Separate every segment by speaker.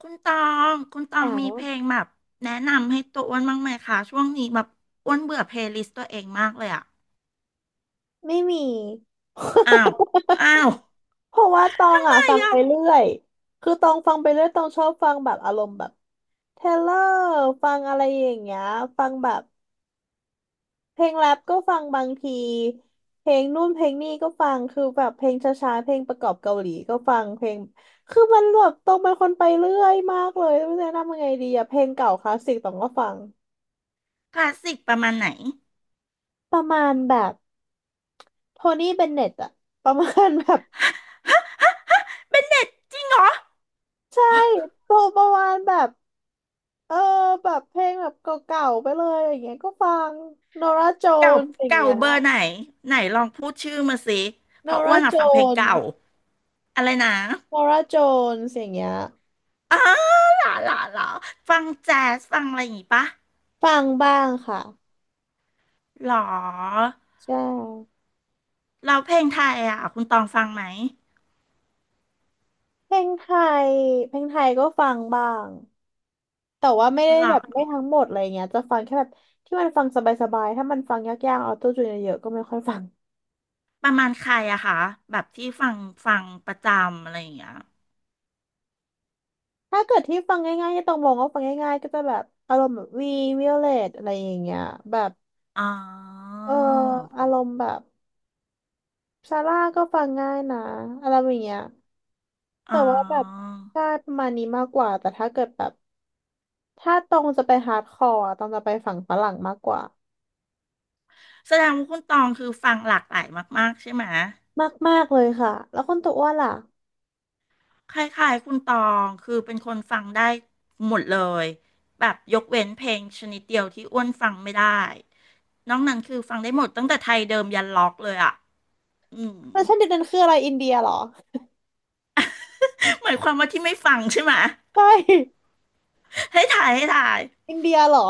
Speaker 1: คุณตองคุณตอ
Speaker 2: ห
Speaker 1: ง
Speaker 2: นัง
Speaker 1: มีเพลงแบบแนะนำให้ตัวอ้วนบ้างไหมคะช่วงนี้แบบอ้วนเบื่อเพลย์ลิสต์ตัวเองมากเลยอะ
Speaker 2: ไม่มี
Speaker 1: อ้าวอ้าว
Speaker 2: เพราะว่าตอง
Speaker 1: ทำไม
Speaker 2: อ่ะฟัง
Speaker 1: อะ
Speaker 2: ไปเรื่อยคือตองฟังไปเรื่อยตองชอบฟังแบบอารมณ์แบบเทเลอร์ฟังอะไรอย่างเงี้ยฟังแบบเพลงแรปก็ฟังบางทีเพลงนู่นเพลงนี่ก็ฟังคือแบบเพลงช้าๆเพลงประกอบเกาหลีก็ฟังเพลงคือมันแบบตองเป็นคนไปเรื่อยมากเลยไม่รู้จะแนะนำยังไงดีอะเพลงเก่าคลาสสิกตองก็ฟัง
Speaker 1: คลาสสิกประมาณไหน
Speaker 2: ประมาณแบบโทนี่เบนเน็ตอะประมาณแบบ
Speaker 1: เป็นเด็ดจริงเหรอ
Speaker 2: ใช่โปรประมาณแบบ เออแบบเพลงแบบเก่าๆไปเลยอย่างเงี้ยก็ฟังนอราโจ
Speaker 1: เก่า
Speaker 2: นสอย่าง
Speaker 1: เก่า
Speaker 2: เงี้ย
Speaker 1: เบอร์ไหนไหนลองพูดชื่อมาสิ
Speaker 2: น
Speaker 1: เพ
Speaker 2: อ
Speaker 1: ราะอ้
Speaker 2: รา
Speaker 1: วนอะ
Speaker 2: โจ
Speaker 1: ฟังเพลง
Speaker 2: น
Speaker 1: เก่า อะไรนะ
Speaker 2: นอร่าโจนสอย่างเงี้ย
Speaker 1: อ้าวหล่อหล่อหล่อฟังแจ๊สฟังอะไรอย่างงี้ปะ
Speaker 2: ฟังบ้างค่ะ
Speaker 1: หรอ
Speaker 2: ใช่
Speaker 1: เราเพลงไทยอะคุณตองฟังไหม
Speaker 2: เพลงไทยเพลงไทยก็ฟังบ้างแต่ว่าไม่ได้
Speaker 1: หรอ
Speaker 2: แบบไม่ทั้งหมดอะไรเงี้ยจะฟังแค่แบบที่มันฟังสบายๆถ้ามันฟังยากๆออโต้จูนเยอะๆก็ไม่ค่อยฟัง
Speaker 1: ประมาณใครอะคะแบบที่ฟังฟังประจำอะไรอย่างเงี้ย
Speaker 2: ถ้าเกิดที่ฟังง่ายๆที่ตองมองว่าฟังง่ายๆก็จะแบบอารมณ์แบบวีวิโอเลตอะไรอย่างเงี้ยแบบ
Speaker 1: อ๋อ
Speaker 2: อมอารมณ์แบบ ซาร่าก็ฟังง่ายนะอะไรอย่างเงี้ย
Speaker 1: อ๋
Speaker 2: แต่
Speaker 1: อ
Speaker 2: ว่าแบบชาติประมาณนี้มากกว่าแต่ถ้าเกิดแบบถ้าตรงจะไปฮาร์ดคอร์ตรงจะไปฝั่งฝรั่งมากกว่า
Speaker 1: แสดงว่าคุณตองคือฟังหลากหลายมากๆใช่ไหม
Speaker 2: มากมากเลยค่ะแล้วคนตัวอ้วนล่ะ
Speaker 1: คล้ายๆคุณตองคือเป็นคนฟังได้หมดเลยแบบยกเว้นเพลงชนิดเดียวที่อ้วนฟังไม่ได้นอกนั้นคือฟังได้หมดตั้งแต่ไทยเดิมยันล็อกเลยอะอืม
Speaker 2: แล้วฉันดิดนันคืออะไรอินเดียเหรอ
Speaker 1: หมายความว่าที่ไม่ฟังใช่ไหม
Speaker 2: ไม่
Speaker 1: ให้ถ่ายให้ถ่าย
Speaker 2: อินเดียเหรอ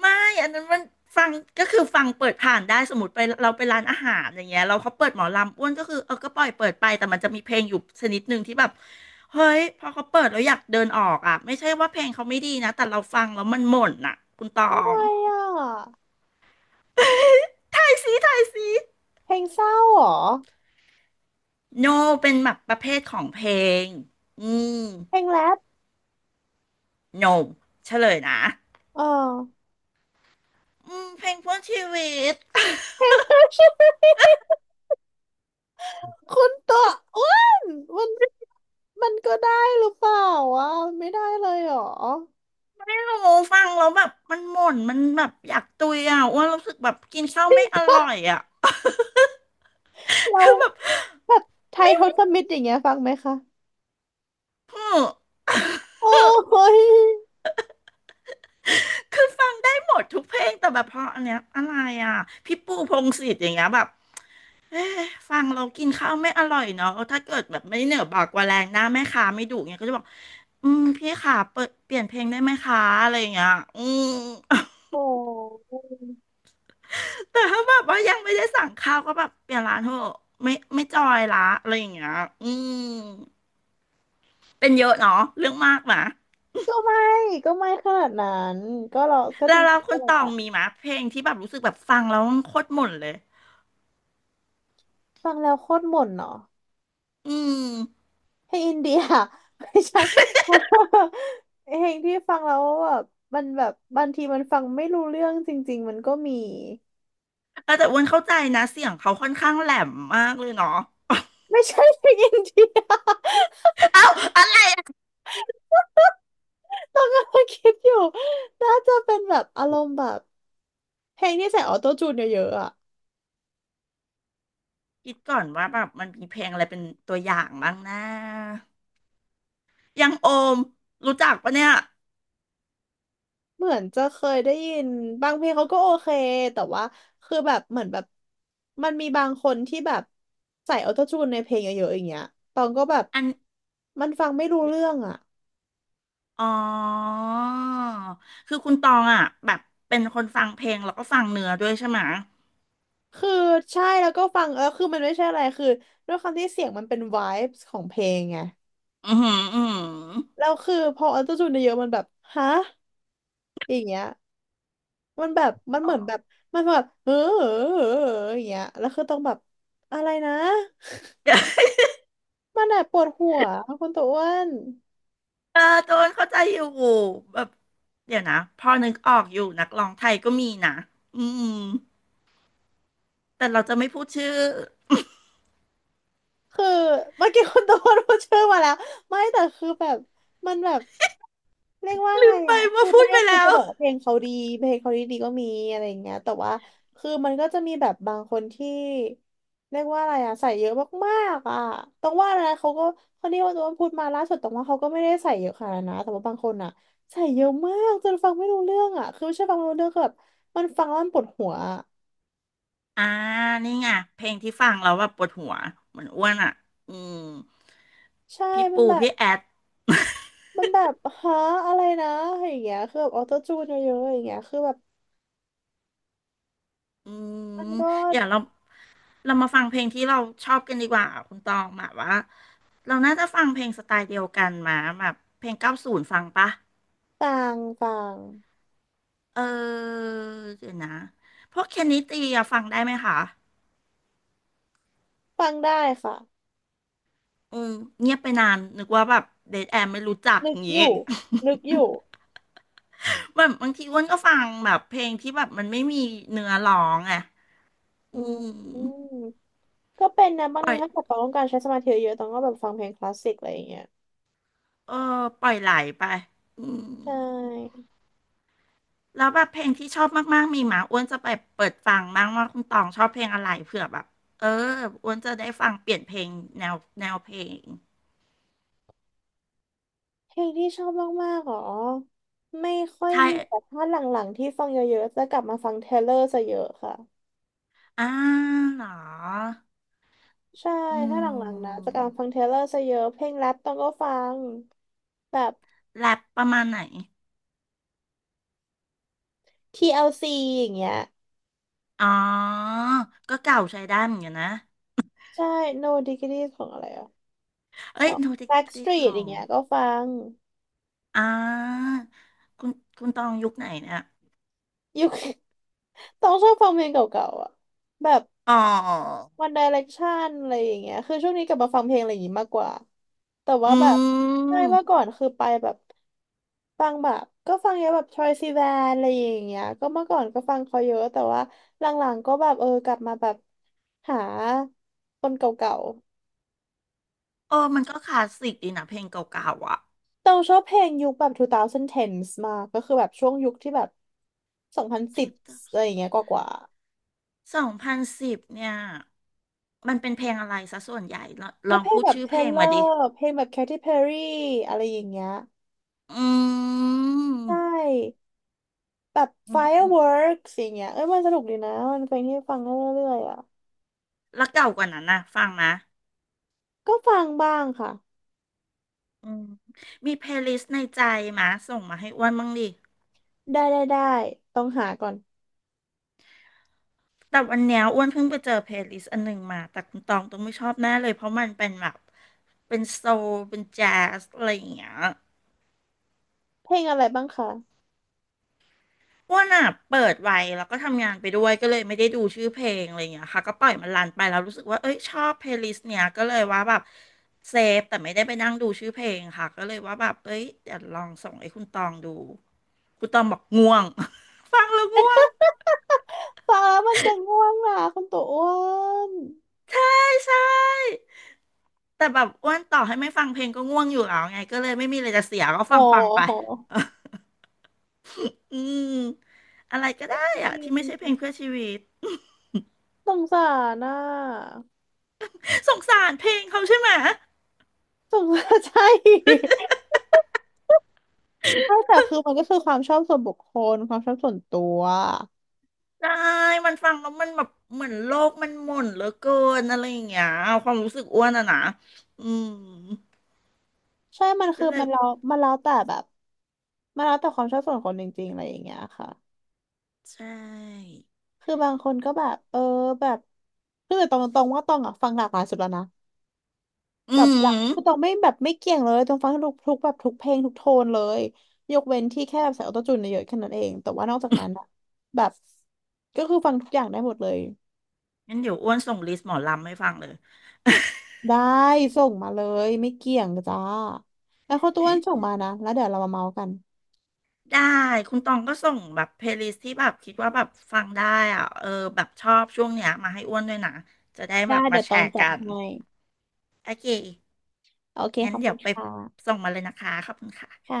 Speaker 1: ไม่อันนั้นมันฟังก็คือฟังเปิดผ่านได้สมมติไปเราไปร้านอาหารอย่างเงี้ยเราเขาเปิดหมอลำอ้วนก็คือเออก็ปล่อยเปิดไปแต่มันจะมีเพลงอยู่ชนิดหนึ่งที่แบบเฮ้ยพอเขาเปิดแล้วอยากเดินออกอ่ะไม่ใช่ว่าเพลงเขาไม่ดีนะแต่เราฟังแล้วมันหม่นอ่ะคุณตอ
Speaker 2: อะไร
Speaker 1: ง
Speaker 2: อ่ะ
Speaker 1: ถ่ายสีถายสี
Speaker 2: เพลงเศร้าเหรอ
Speaker 1: no เป็นแบบประเภทของเพลงอืม
Speaker 2: เพลงแรป
Speaker 1: no เฉลยนะ
Speaker 2: เออ
Speaker 1: อืมเพลงเพื่อชีวิต
Speaker 2: เพลงแรปใช่ไหมคนตัวอ้วนมันมันก็ได้หรือเปล่าวะมันไม่ได้เลยเหรอ
Speaker 1: ไม่รู้ฟังแล้วแบบมันหม่นมันแบบอยากตุยอ่ะอ้วนรู้สึกแบบกินข้าวไม่อร่อยอ่ะ
Speaker 2: เรา
Speaker 1: คือแบบ
Speaker 2: แบบ ไทยทศมิตรอย่างเงี้ยฟังไหมคะโอ้ย
Speaker 1: คือฟังได้หมดทุกเพลงแต่แบบเพราะอันเนี้ยอะไรอ่ะพี่ปูพงษ์สิทธิ์อย่างเงี้ยแบบเอ๊ะฟังเรากินข้าวไม่อร่อยเนาะถ้าเกิดแบบไม่เหนือบากกว่าแรงหน้าแม่ค้าไม่ดุเงี้ยก็จะบอกอืมพี่ขาเปิดเปลี่ยนเพลงได้ไหมคะอะไรอย่างเงี้ยอืม
Speaker 2: โอ้
Speaker 1: แต่ถ้าแบบว่ายังไม่ได้สั่งข้าวก็แบบเปลี่ยนร้านเถอะไม่ไม่จอยละอะไรอย่างเงี้ยอืมเป็นเยอะเนาะเรื่องมากนะ
Speaker 2: ก็ไม่ก็ไม่ขนาดนั้นก็เราก็จ
Speaker 1: แล้วเรา
Speaker 2: ริง
Speaker 1: ค
Speaker 2: ๆก็
Speaker 1: น
Speaker 2: เล
Speaker 1: ต
Speaker 2: ย
Speaker 1: อง
Speaker 2: ว่า
Speaker 1: มีมะเพลงที่แบบรู้สึกแบบฟังแล้วโคตรหม่นเลย
Speaker 2: ฟังแล้วโคตรหม่นเนาะ
Speaker 1: อืม
Speaker 2: เพลงอินเดีย ไม่ใช่ เพลงที่ฟังแล้วแบบมันแบบบางทีมันฟังไม่รู้เรื่องจริงๆมันก็มี
Speaker 1: เออแต่อ้วนเข้าใจนะเสียงเขาค่อนข้างแหลมมากเลยเนาะ
Speaker 2: ไม่ใช่เพลงอินเดีย
Speaker 1: เอ้าอะไรอะ
Speaker 2: ต้องกำลังคิดอยู่น่าจะเป็นแบบอารมณ์แบบเพลงที่ใส่ออโต้จูนเยอะๆอะ
Speaker 1: คิดก่อนว่าแบบมันมีเพลงอะไรเป็นตัวอย่างบ้างนะ ยังโอมรู้จักปะเนี่ย
Speaker 2: เหมือนจะเคยได้ยินบางเพลงเขาก็โอเคแต่ว่าคือแบบเหมือนแบบมันมีบางคนที่แบบใส่ออโต้จูนในเพลงเยอะๆอย่างเงี้ยตองก็แบบ
Speaker 1: อัน
Speaker 2: มันฟังไม่รู้เรื่องอ่ะ
Speaker 1: อ๋อ คือคุณตองอ่ะแบบเป็นคนฟังเพลงแล้วก็ฟังเนื้อด้วยใช่ไหมะ
Speaker 2: คือใช่แล้วก็ฟังเออคือมันไม่ใช่อะไรคือด้วยความที่เสียงมันเป็น vibes ของเพลงไง
Speaker 1: อือหืออือหือ
Speaker 2: แล้วคือพอออโต้จูนเยอะๆมันแบบฮะอย่างเงี้ยมันแบบมัน
Speaker 1: อ๋
Speaker 2: เห
Speaker 1: อ
Speaker 2: มือนแบบมันแบบเอออย่างเงี้ยแล้วคือต้องแบบอะไรนะมันแบบปวดหัวคุณตัวอ้วน
Speaker 1: เออโดนเข้าใจอยู่แบบเดี๋ยวนะพอนึกออกอยู่นักร้องไทยก็มีนะอืมแต่เราจะไม่พูดชื่อ
Speaker 2: คือเมื่อกี้คุณโดนพูดชื่อมาแล้วไม่แต่คือแบบมันแบบเรียกว่า
Speaker 1: ลื
Speaker 2: ไง
Speaker 1: มไป
Speaker 2: อ่ะคื
Speaker 1: ว่า
Speaker 2: อ
Speaker 1: พู
Speaker 2: ไม่
Speaker 1: ดไป
Speaker 2: คือ
Speaker 1: แล้
Speaker 2: จะ
Speaker 1: ว
Speaker 2: บอกว่าเพลงเขาดีเพลงเขาดีก็มีอะไรอย่างเงี้ยแต่ว่าคือมันก็จะมีแบบบางคนที่เรียกว่าอะไรอ่ะใส่เยอะมากๆอ่ะต้องว่านะเขาก็คนที่ว่าตัวพูดมาล่าสุดต้องว่าเขาก็ไม่ได้ใส่เยอะขนาดนั้นนะแต่ว่าบางคนอ่ะใส่เยอะมากจนฟังไม่รู้เรื่องอ่ะคือไม่ใช่ฟังไม่รู้เรื่องคือแบบมันฟังแล้วมันปวดหัวอะ
Speaker 1: อ่านี่ไงเพลงที่ฟังแล้วแบบปวดหัวเหมือนอ้วนอ่ะอืม
Speaker 2: ใช่
Speaker 1: พี่
Speaker 2: มัน
Speaker 1: ปู
Speaker 2: แบบ
Speaker 1: พี่แอด
Speaker 2: มันแบบฮะอะไรนะอย่างเงี้ยคือแบบออโต้จูนเยอะๆอย่างเงี้ยคือแบบ
Speaker 1: อืม
Speaker 2: มันก็
Speaker 1: เดี๋ยวเรามาฟังเพลงที่เราชอบกันดีกว่าคุณตองแบบว่าเราน่าจะฟังเพลงสไตล์เดียวกันมาแบบเพลง90ฟังปะ
Speaker 2: ต่างต่าง
Speaker 1: เออเดี๋ยวนะพวกเคนนิตีอะฟังได้ไหมคะ
Speaker 2: ฟังได้ค่ะ
Speaker 1: อืมเงียบไปนานนึกว่าแบบเดทแอมไม่รู้จัก
Speaker 2: นึ
Speaker 1: อ
Speaker 2: ก
Speaker 1: ย่าง
Speaker 2: อ
Speaker 1: งี้
Speaker 2: ยู่นึกอยู่
Speaker 1: แบบบางทีอ้วนก็ฟังแบบเพลงที่แบบมันไม่มีเนื้อร้องอะอื
Speaker 2: อืม
Speaker 1: ม
Speaker 2: อืมก็เป็นนะบาง
Speaker 1: ปล่
Speaker 2: ที
Speaker 1: อย
Speaker 2: ถ้าเกิดต้องการใช้สมาธิเยอะต้องก็แบบฟังเพลงคลาสสิกอะไรอย่างเงี้ย
Speaker 1: เออปล่อยไหลไปอืม
Speaker 2: ใช่
Speaker 1: แล้วแบบเพลงที่ชอบมากๆมีหมาอ้วนจะไปเปิดฟังบ้างว่าคุณตองชอบเพลงอะไรเผื่อแบบเอออ้วนจะได้ฟังเปลี่ยนเพลงแนวแนวเพลง
Speaker 2: เพลงที่ชอบมากๆหรอไม่ค่อย
Speaker 1: ใช่
Speaker 2: มีแต่ถ้าหลังๆที่ฟังเยอะๆจะกลับมาฟังเทเลอร์ซะเยอะค่ะ
Speaker 1: อ่าเหรอ
Speaker 2: ใช่
Speaker 1: อื
Speaker 2: ถ้าหลังๆนะ
Speaker 1: ม
Speaker 2: จะกลับมาฟังเทเลอร์ซะเยอะเพลงแรปต้องก็ฟังแบบ
Speaker 1: แรปประมาณไหน
Speaker 2: TLC อลซีอย่างเงี้ย
Speaker 1: อ๋อ ก็เก่าใช้ได้เหมือนกันนะ
Speaker 2: ใช่ No Degrees ของอะไรอ่ะ
Speaker 1: เอ้
Speaker 2: ข
Speaker 1: ย
Speaker 2: อง
Speaker 1: โนติติข
Speaker 2: Backstreet
Speaker 1: อ
Speaker 2: อย่า
Speaker 1: ง
Speaker 2: งเงี้ยก็ฟัง
Speaker 1: อ่าคุณคุณตองยุคไหนเนี่ย
Speaker 2: ยุค ต้องชอบฟังเพลงเก่าๆอ่ะแบบ
Speaker 1: อ๋อ
Speaker 2: One Direction อะไรอย่างเงี้ยคือช่วงนี้กลับมาฟังเพลงอะไรอย่างงี้มากกว่าแต่
Speaker 1: อื
Speaker 2: ว่าแบบใช่เมื่อก่อ
Speaker 1: ม
Speaker 2: นคือไปแบบฟังแบบก็ฟังเยอะแบบ Troye Sivan อะไรอย่างเงี้ยก็เมื่อก่อนก็ฟังเขาเยอะแต่ว่าหลังๆก็แบบเออกลับมาแบบหาคนเก่าๆ
Speaker 1: เออมันก็คลาสสิกดีนะเพลงเก่าๆอ่ะ
Speaker 2: เราชอบเพลงยุคแบบ 2010s มากก็คือแบบช่วงยุคที่แบบ
Speaker 1: ชุ
Speaker 2: 2010องพัน
Speaker 1: ด
Speaker 2: สิบอะไรอย่างเงี้ยกว่ากว่า
Speaker 1: 2010เนี่ย มันเป็นเพลงอะไรซะส่วนใหญ่ลองล
Speaker 2: ก็
Speaker 1: อง
Speaker 2: เพลง
Speaker 1: พูด
Speaker 2: แบบ
Speaker 1: ชื่อ
Speaker 2: เท
Speaker 1: เพลง
Speaker 2: เลอ
Speaker 1: มาดิ
Speaker 2: ร์เพลงแบบ Katy Perry อะไรอย่างเงี้ย
Speaker 1: อื
Speaker 2: ใช
Speaker 1: ม
Speaker 2: ่แบบ
Speaker 1: อืมอืม
Speaker 2: Fireworks อย่างเงี้ยเอ้ยมันสนุกดีนะมันเป็นเพลงที่ฟังได้เรื่อยๆอ่ะ
Speaker 1: แล้วเก่ากว่านั้นนะฟังนะ
Speaker 2: ก็ฟังบ้างค่ะ
Speaker 1: อืมมีเพลย์ลิสต์ในใจมาส่งมาให้อ้วนบ้างดิ
Speaker 2: ได้ได้ได้ต้องหาก่อน
Speaker 1: แต่วันเนี้ยอ้วนเพิ่งไปเจอเพลย์ลิสต์อันหนึ่งมา แต่คุณตองต้องไม่ชอบแน่เลยเพราะมันเป็นแบบเป็นโซลเป็นแจ๊สอะไรอย่างเงี้ย
Speaker 2: เพลงอะไรบ้างคะ
Speaker 1: อ้วนอ่ะเปิดไว้แล้วก็ทำงานไปด้วยก็เลยไม่ได้ดูชื่อเพลงอะไรอย่างเงี้ยค่ะก็ปล่อยมันรันไปแล้วรู้สึกว่าเอ้ยชอบเพลย์ลิสต์เนี้ยก็เลยว่าแบบเซฟแต่ไม่ได้ไปนั่งดูชื่อเพลงค่ะก็เลยว่าแบบเอ้ยเดี๋ยวลองส่งให้คุณตองดูคุณตองบอกง่วง ฟังแล้วง่วง
Speaker 2: ฟัง้ามันจะง่วงนะคุณตัวอ้วน
Speaker 1: ใช่ใช่ แต่แบบอ้วนต่อให้ไม่ฟังเพลงก็ง่วงอยู่แล้วไงก็เลยไม่มีอะไรจะเสียก็
Speaker 2: โอ้
Speaker 1: ฟังไป
Speaker 2: โห
Speaker 1: อืมอะไรก็ได้อะที่ไม่ใช่เพลงเพื่อชีวิต
Speaker 2: สงสารน่ะ
Speaker 1: สงสารเพลงเขาใช่ไหม
Speaker 2: สงสาร ใช่ ใช่แต่คือมันก็คือความชอบส่วนบุคคลความชอบส่วนตัว
Speaker 1: ได้มันฟังแล้วมันแบบเหมือนโลกมันหม่นเหลือเกินอะไรอย่างเงี้ยความรู้สึกอ้วนอะนะอืม
Speaker 2: ใช่มัน
Speaker 1: ก็
Speaker 2: คือ
Speaker 1: เลย
Speaker 2: มันแล้วแต่แบบมันแล้วแต่ความชอบส่วนคนจริงๆอะไรอย่างเงี้ยค่ะ
Speaker 1: ใช่
Speaker 2: คือบางคนก็แบบเออแบบคือตรงตรงๆว่าตองอ่ะฟังหลากหลายสุดแล้วนะ
Speaker 1: อื
Speaker 2: แบบหลัก
Speaker 1: ม
Speaker 2: คือตองไม่แบบไม่เกี่ยงเลยตองฟังทุกแบบทุกเพลงทุกโทนเลยยกเว้นที่แค่แบบใส่ออโต้จูนเยอะๆแค่นั้นเองแต่ว่านอกจากนั้นอะแบบก็คือฟังทุกอย่างได้หมดเลย
Speaker 1: งั้นเดี๋ยวอ้วนส่งลิสต์หมอลำให้ฟังเลย
Speaker 2: ได้ส่งมาเลยไม่เกี่ยงจ้าแล้วเขาวต้วนส่งมานะแล้วเดี๋ยวเรามาเมาส์กัน
Speaker 1: ได้คุณตองก็ส่งแบบเพลย์ลิสที่แบบคิดว่าแบบฟังได้อ่ะเออแบบชอบช่วงเนี้ยมาให้อ้วนด้วยนะจะได้
Speaker 2: ได้
Speaker 1: แบบมา
Speaker 2: เดี๋ยว
Speaker 1: แช
Speaker 2: ต้อง
Speaker 1: ร์
Speaker 2: จัด
Speaker 1: กัน
Speaker 2: ให้
Speaker 1: โอเค
Speaker 2: โอเค
Speaker 1: งั้
Speaker 2: ข
Speaker 1: น
Speaker 2: อบ
Speaker 1: เดี๋
Speaker 2: คุ
Speaker 1: ย
Speaker 2: ณ
Speaker 1: วไป
Speaker 2: ค่ะ
Speaker 1: ส่งมาเลยนะคะขอบคุณค่ะ
Speaker 2: ค่ะ